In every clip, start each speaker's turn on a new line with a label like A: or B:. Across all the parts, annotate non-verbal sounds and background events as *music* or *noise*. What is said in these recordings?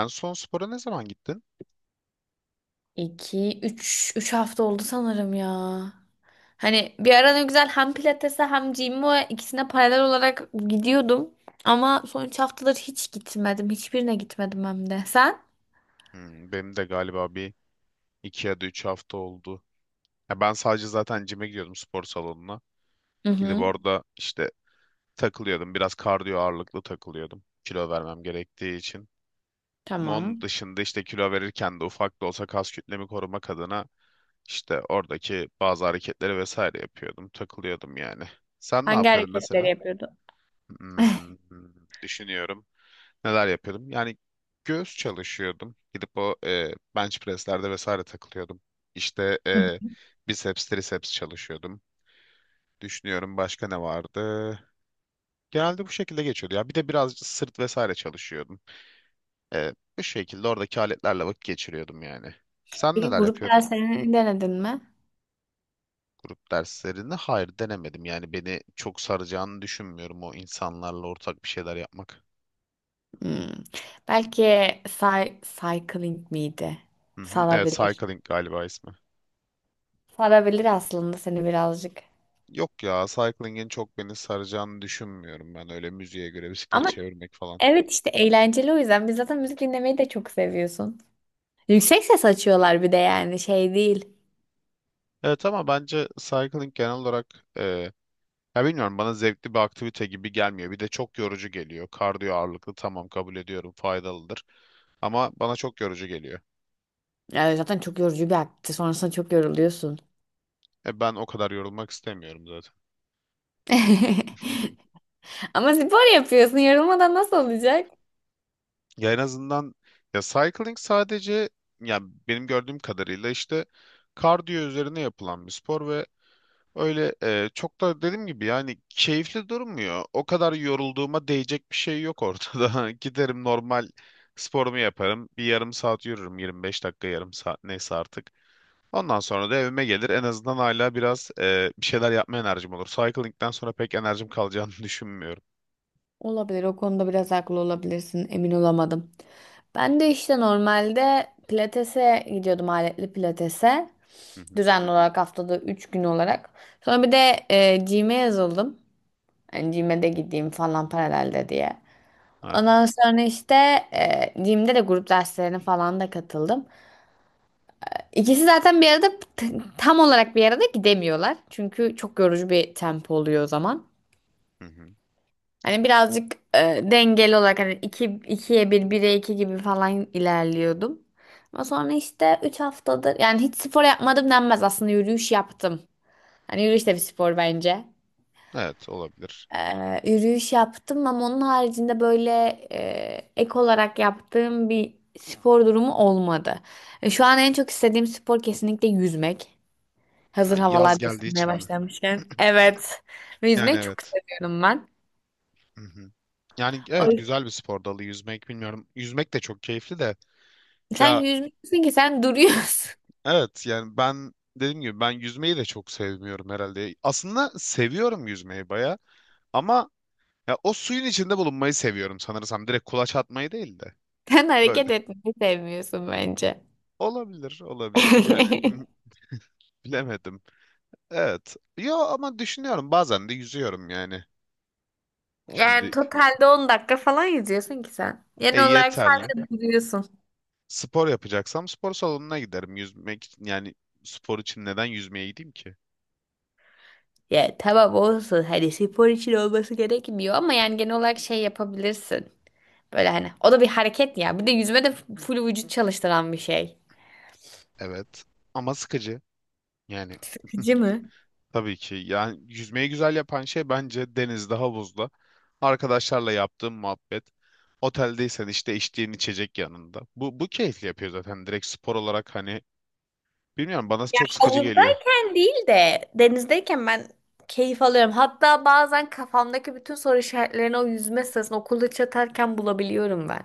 A: En son spora ne zaman gittin?
B: İki, üç, üç hafta oldu sanırım ya. Hani bir ara ne güzel hem pilatese hem gym'e ikisine paralel olarak gidiyordum. Ama son üç haftadır hiç gitmedim. Hiçbirine gitmedim hem de. Sen?
A: Hmm, benim de galiba bir iki ya da üç hafta oldu. Ya ben sadece zaten cime gidiyordum spor salonuna.
B: Hı
A: Gidip
B: hı.
A: orada işte takılıyordum. Biraz kardiyo ağırlıklı takılıyordum. Kilo vermem gerektiği için. Onun
B: Tamam.
A: dışında işte kilo verirken de ufak da olsa kas kütlemi korumak adına işte oradaki bazı hareketleri vesaire yapıyordum. Takılıyordum yani. Sen ne
B: Hangi
A: yapıyordun
B: hareketleri
A: mesela?
B: yapıyordun?
A: Hmm,
B: *laughs*
A: düşünüyorum. Neler yapıyordum? Yani göğüs çalışıyordum. Gidip o bench presslerde vesaire takılıyordum. İşte
B: Hı hı.
A: biceps, triceps çalışıyordum. Düşünüyorum başka ne vardı? Genelde bu şekilde geçiyordu. Ya bir de birazcık sırt vesaire çalışıyordum. E, Bu şekilde oradaki aletlerle vakit geçiriyordum yani. Sen
B: Peki
A: neler
B: grup
A: yapıyordun?
B: derslerini denedin mi?
A: Grup derslerini hayır denemedim. Yani beni çok saracağını düşünmüyorum o insanlarla ortak bir şeyler yapmak.
B: Hmm. Belki cycling miydi?
A: Hı hı. Evet,
B: Sarabilir.
A: cycling galiba ismi.
B: Sarabilir aslında seni birazcık.
A: Yok ya, cycling'in çok beni saracağını düşünmüyorum ben öyle müziğe göre bisiklet
B: Ama
A: çevirmek falan.
B: evet işte eğlenceli o yüzden. Biz zaten müzik dinlemeyi de çok seviyorsun. Yüksek ses açıyorlar bir de yani şey değil.
A: Evet ama bence cycling genel olarak ya bilmiyorum bana zevkli bir aktivite gibi gelmiyor. Bir de çok yorucu geliyor. Kardiyo ağırlıklı tamam kabul ediyorum faydalıdır ama bana çok yorucu geliyor.
B: Yani zaten çok yorucu bir aktivite. Sonrasında çok yoruluyorsun.
A: Ben o kadar yorulmak istemiyorum zaten.
B: *laughs*
A: *laughs*
B: Ama spor yapıyorsun. Yorulmadan nasıl olacak?
A: Ya en azından ya cycling sadece ya benim gördüğüm kadarıyla işte kardiyo üzerine yapılan bir spor ve öyle çok da dediğim gibi yani keyifli durmuyor. O kadar yorulduğuma değecek bir şey yok ortada. *laughs* Giderim normal sporumu yaparım. Bir yarım saat yürürüm. 25 dakika yarım saat neyse artık. Ondan sonra da evime gelir. En azından hala biraz bir şeyler yapma enerjim olur. Cycling'den sonra pek enerjim kalacağını *laughs* düşünmüyorum.
B: Olabilir. O konuda biraz haklı olabilirsin. Emin olamadım. Ben de işte normalde pilatese gidiyordum aletli pilatese.
A: Hı hı.
B: Düzenli olarak haftada 3 gün olarak. Sonra bir de gym'e yazıldım. Yani gym'e de gideyim falan paralelde diye.
A: Evet.
B: Ondan sonra işte gym'de de grup derslerine falan da katıldım. İkisi zaten bir arada t- tam olarak bir arada gidemiyorlar. Çünkü çok yorucu bir tempo oluyor o zaman.
A: Hı hı.
B: Hani birazcık dengeli olarak hani iki, ikiye bir, bire iki gibi falan ilerliyordum. Ama sonra işte üç haftadır yani hiç spor yapmadım denmez aslında yürüyüş yaptım. Hani yürüyüş de bir spor bence.
A: Evet olabilir.
B: Yürüyüş yaptım ama onun haricinde böyle ek olarak yaptığım bir spor durumu olmadı. Şu an en çok istediğim spor kesinlikle yüzmek.
A: Ha,
B: Hazır havalar
A: yaz
B: da
A: geldiği
B: ısınmaya
A: için mi?
B: başlamışken. Evet.
A: Yani
B: Yüzmeyi çok
A: evet.
B: seviyorum ben.
A: Hı hı. Yani evet güzel bir spor dalı yüzmek bilmiyorum. Yüzmek de çok keyifli de.
B: Sen
A: Ya
B: yüzmüyorsun ki sen duruyorsun. *laughs*
A: evet yani ben dediğim gibi ben yüzmeyi de çok sevmiyorum herhalde. Aslında seviyorum yüzmeyi baya ama ya o suyun içinde bulunmayı seviyorum sanırsam. Direkt kulaç atmayı değil de
B: Sen hareket
A: böyle.
B: etmeyi sevmiyorsun bence.
A: Olabilir, olabilir yani
B: *laughs*
A: bilemedim. Evet. Yo ama düşünüyorum bazen de yüzüyorum yani.
B: Yani
A: Şimdi
B: totalde 10 dakika falan yüzüyorsun ki sen. Genel olarak
A: yeterli.
B: sadece duruyorsun.
A: Spor yapacaksam spor salonuna giderim. Yüzmek için yani spor için neden yüzmeye gideyim ki?
B: Ya tamam olsun hani spor için olması gerekmiyor ama yani genel olarak şey yapabilirsin. Böyle hani o da bir hareket ya. Bir de yüzme de full vücut çalıştıran bir şey.
A: Evet ama sıkıcı yani. *laughs*
B: Sıkıcı mı?
A: Tabii ki. Yani yüzmeyi güzel yapan şey bence denizde, havuzda. Arkadaşlarla yaptığım muhabbet. Oteldeysen işte içtiğin içecek yanında. Bu keyifli yapıyor zaten. Direkt spor olarak hani bilmiyorum bana çok sıkıcı geliyor.
B: Havuzdayken değil de denizdeyken ben keyif alıyorum. Hatta bazen kafamdaki bütün soru işaretlerini o yüzme sırasında okulda çatarken bulabiliyorum ben.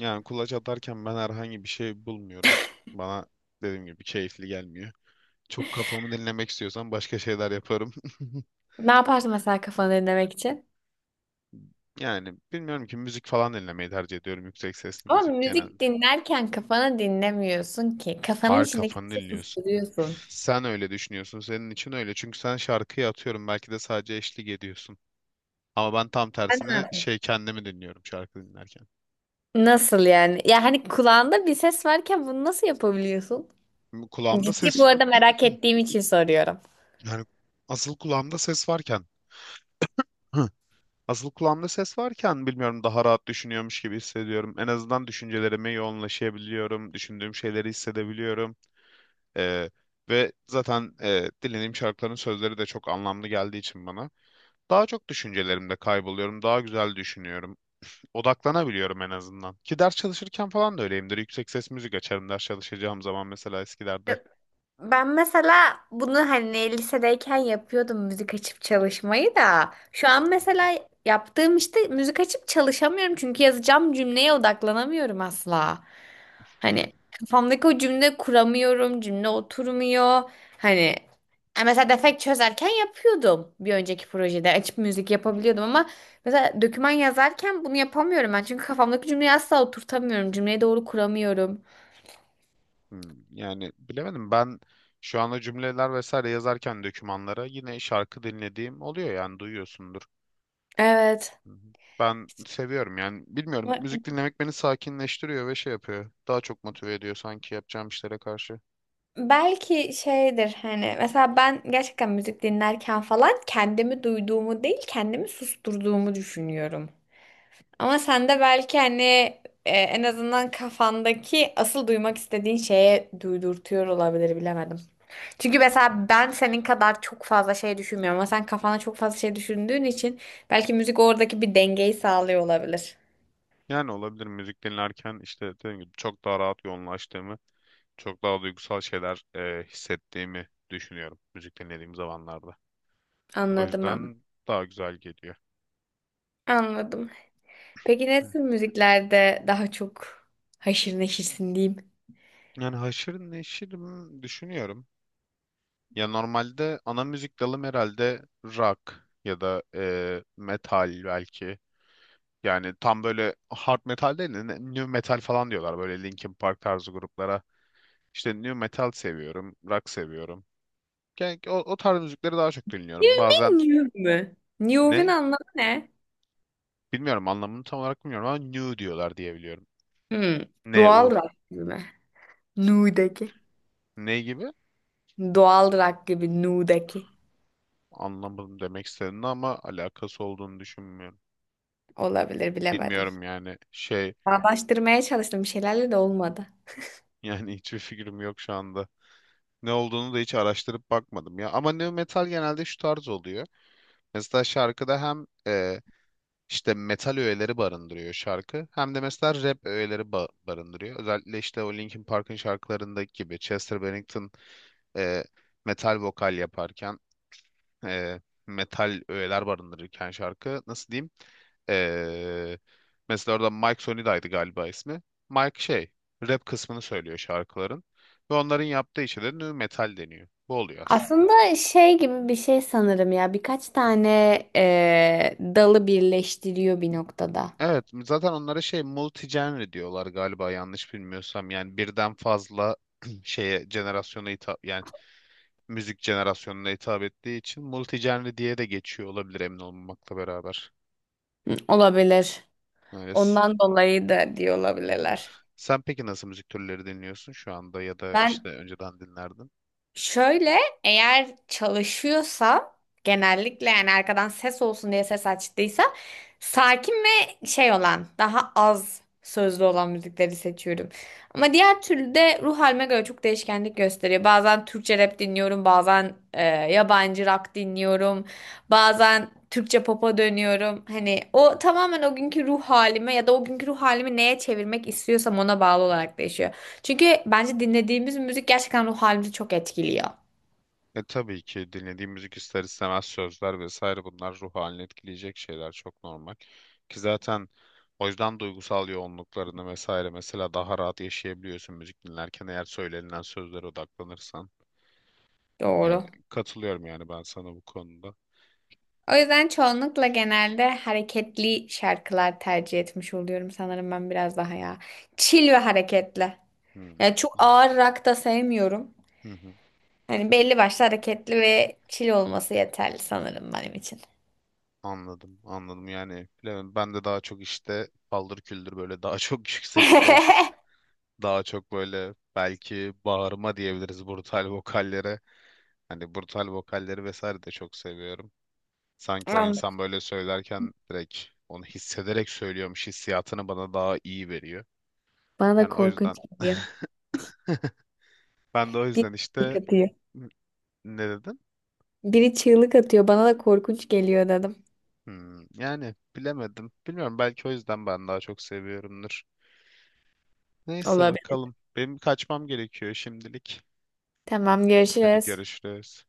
A: Yani kulaç atarken ben herhangi bir şey bulmuyorum. Bana dediğim gibi keyifli gelmiyor. Çok kafamı dinlemek istiyorsan başka şeyler yaparım. *laughs*
B: Ne yaparsın mesela kafanı dinlemek için?
A: Yani bilmiyorum ki müzik falan dinlemeyi tercih ediyorum. Yüksek sesli
B: Ama
A: müzik
B: müzik
A: genelde.
B: dinlerken kafanı dinlemiyorsun ki. Kafanın
A: Harika
B: içindeki
A: kafanı
B: sesi
A: dinliyorsun.
B: susturuyorsun.
A: Sen öyle düşünüyorsun. Senin için öyle. Çünkü sen şarkıyı atıyorum. Belki de sadece eşlik ediyorsun. Ama ben tam
B: Sen ne
A: tersine
B: yapıyorsun?
A: şey kendimi dinliyorum şarkı dinlerken.
B: Nasıl yani? Ya hani kulağında bir ses varken bunu nasıl yapabiliyorsun?
A: Kulağımda
B: Ciddi bu
A: ses
B: arada merak ettiğim için soruyorum.
A: yani asıl kulağımda ses varken Hı. asıl kulağımda ses varken bilmiyorum daha rahat düşünüyormuş gibi hissediyorum. En azından düşüncelerime yoğunlaşabiliyorum. Düşündüğüm şeyleri hissedebiliyorum. Ee, ve zaten dinlediğim şarkıların sözleri de çok anlamlı geldiği için bana daha çok düşüncelerimde kayboluyorum. Daha güzel düşünüyorum. Odaklanabiliyorum en azından. Ki ders çalışırken falan da öyleyimdir. Yüksek ses müzik açarım ders çalışacağım zaman mesela eskilerde.
B: Ben mesela bunu hani lisedeyken yapıyordum müzik açıp çalışmayı da şu an mesela yaptığım işte müzik açıp çalışamıyorum çünkü yazacağım cümleye odaklanamıyorum asla.
A: Hmm,
B: Hani kafamdaki o cümle kuramıyorum, cümle oturmuyor. Hani mesela defekt çözerken yapıyordum bir önceki projede açıp müzik yapabiliyordum ama mesela doküman yazarken bunu yapamıyorum ben çünkü kafamdaki cümleyi asla oturtamıyorum, cümleyi doğru kuramıyorum.
A: hmm. Yani bilemedim ben şu anda cümleler vesaire yazarken dokümanlara yine şarkı dinlediğim oluyor yani duyuyorsundur.
B: Evet.
A: Hı hı. Ben seviyorum yani bilmiyorum müzik dinlemek beni sakinleştiriyor ve şey yapıyor. Daha çok motive ediyor sanki yapacağım işlere karşı.
B: Belki şeydir hani mesela ben gerçekten müzik dinlerken falan kendimi duyduğumu değil kendimi susturduğumu düşünüyorum. Ama sen de belki hani en azından kafandaki asıl duymak istediğin şeye duydurtuyor olabilir bilemedim. Çünkü mesela ben senin kadar çok fazla şey düşünmüyorum ama sen kafana çok fazla şey düşündüğün için belki müzik oradaki bir dengeyi sağlıyor olabilir.
A: Yani olabilir müzik dinlerken işte dediğim gibi çok daha rahat yoğunlaştığımı çok daha duygusal şeyler hissettiğimi düşünüyorum müzik dinlediğim zamanlarda. O
B: Anladım anladım.
A: yüzden daha güzel geliyor.
B: Anladım. Peki ne
A: Hı.
B: tür müziklerde daha çok haşır neşirsin diyeyim?
A: Yani haşır neşir mi düşünüyorum. Ya normalde ana müzik dalım herhalde rock ya da metal belki. Yani tam böyle hard metal değil de new metal falan diyorlar böyle Linkin Park tarzı gruplara. İşte new metal seviyorum, rock seviyorum. Yani o tarz müzikleri daha çok
B: You
A: dinliyorum.
B: mean
A: Bazen
B: new mü? New'un
A: ne?
B: anlamı ne?
A: Bilmiyorum anlamını tam olarak bilmiyorum ama new diyorlar diye biliyorum.
B: Hmm.
A: Ne
B: Doğal
A: u
B: rock gibi mi? Nu'daki.
A: ne gibi?
B: Doğal rock gibi Nu'daki.
A: Anlamadım demek istediğini ama alakası olduğunu düşünmüyorum.
B: Olabilir bilemedim.
A: Bilmiyorum yani şey
B: Bağdaştırmaya çalıştım bir şeylerle de olmadı.
A: *laughs* yani hiçbir fikrim yok şu anda. Ne olduğunu da hiç araştırıp bakmadım ya. Ama nu metal genelde şu tarz oluyor. Mesela şarkıda hem işte metal öğeleri barındırıyor şarkı hem de mesela rap öğeleri barındırıyor. Özellikle işte o Linkin Park'ın şarkılarındaki gibi Chester Bennington e, metal vokal yaparken e, metal öğeler barındırırken şarkı nasıl diyeyim? E, Mesela orada Mike Sonida'ydı galiba ismi. Mike şey rap kısmını söylüyor şarkıların ve onların yaptığı işe de nu metal deniyor. Bu oluyor aslında.
B: Aslında şey gibi bir şey sanırım ya. Birkaç tane dalı birleştiriyor bir noktada.
A: Evet, zaten onlara şey multi-genre diyorlar galiba yanlış bilmiyorsam. Yani birden fazla *clears throat* şeye jenerasyona hitap yani müzik jenerasyonuna hitap ettiği için multi-genre diye de geçiyor olabilir emin olmamakla beraber.
B: Hı, olabilir.
A: Öyle.
B: Ondan dolayı da diyor
A: Hı hı.
B: olabilirler.
A: Sen peki nasıl müzik türleri dinliyorsun şu anda ya da işte
B: Ben
A: önceden dinlerdin?
B: şöyle, eğer çalışıyorsa genellikle yani arkadan ses olsun diye ses açtıysa sakin ve şey olan daha az sözlü olan müzikleri seçiyorum. Ama diğer türlü de ruh halime göre çok değişkenlik gösteriyor. Bazen Türkçe rap dinliyorum, bazen yabancı rock dinliyorum, bazen Türkçe pop'a dönüyorum. Hani o tamamen o günkü ruh halime ya da o günkü ruh halimi neye çevirmek istiyorsam ona bağlı olarak değişiyor. Çünkü bence dinlediğimiz müzik gerçekten ruh halimizi çok etkiliyor.
A: E tabii ki dinlediğim müzik ister istemez sözler vesaire bunlar ruh halini etkileyecek şeyler çok normal. Ki zaten o yüzden duygusal yoğunluklarını vesaire mesela daha rahat yaşayabiliyorsun müzik dinlerken eğer söylenilen sözlere odaklanırsan. Yani
B: Doğru.
A: katılıyorum yani ben sana bu konuda.
B: O yüzden çoğunlukla genelde hareketli şarkılar tercih etmiş oluyorum sanırım ben biraz daha ya. Chill ve hareketli.
A: Hmm.
B: Yani çok
A: An-
B: ağır rock da sevmiyorum.
A: Hı hı.
B: Hani belli başlı hareketli ve chill olması yeterli sanırım benim için.
A: Anladım, anladım. Yani bilemedim. Ben de daha çok işte paldır küldür böyle daha çok *laughs* yüksek ses
B: *laughs*
A: daha çok böyle belki bağırma diyebiliriz brutal vokallere. Hani brutal vokalleri vesaire de çok seviyorum. Sanki o
B: Anladım.
A: insan böyle söylerken direkt onu hissederek söylüyormuş hissiyatını bana daha iyi veriyor.
B: Bana da
A: Yani o
B: korkunç
A: yüzden
B: geliyor.
A: *laughs* ben de o
B: Biri
A: yüzden
B: çığlık
A: işte
B: atıyor.
A: ne dedim?
B: Biri çığlık atıyor. Bana da korkunç geliyor dedim.
A: Hmm, yani bilemedim. Bilmiyorum belki o yüzden ben daha çok seviyorumdur. Neyse
B: Olabilir.
A: bakalım. Benim kaçmam gerekiyor şimdilik.
B: Tamam
A: Hadi
B: görüşürüz.
A: görüşürüz.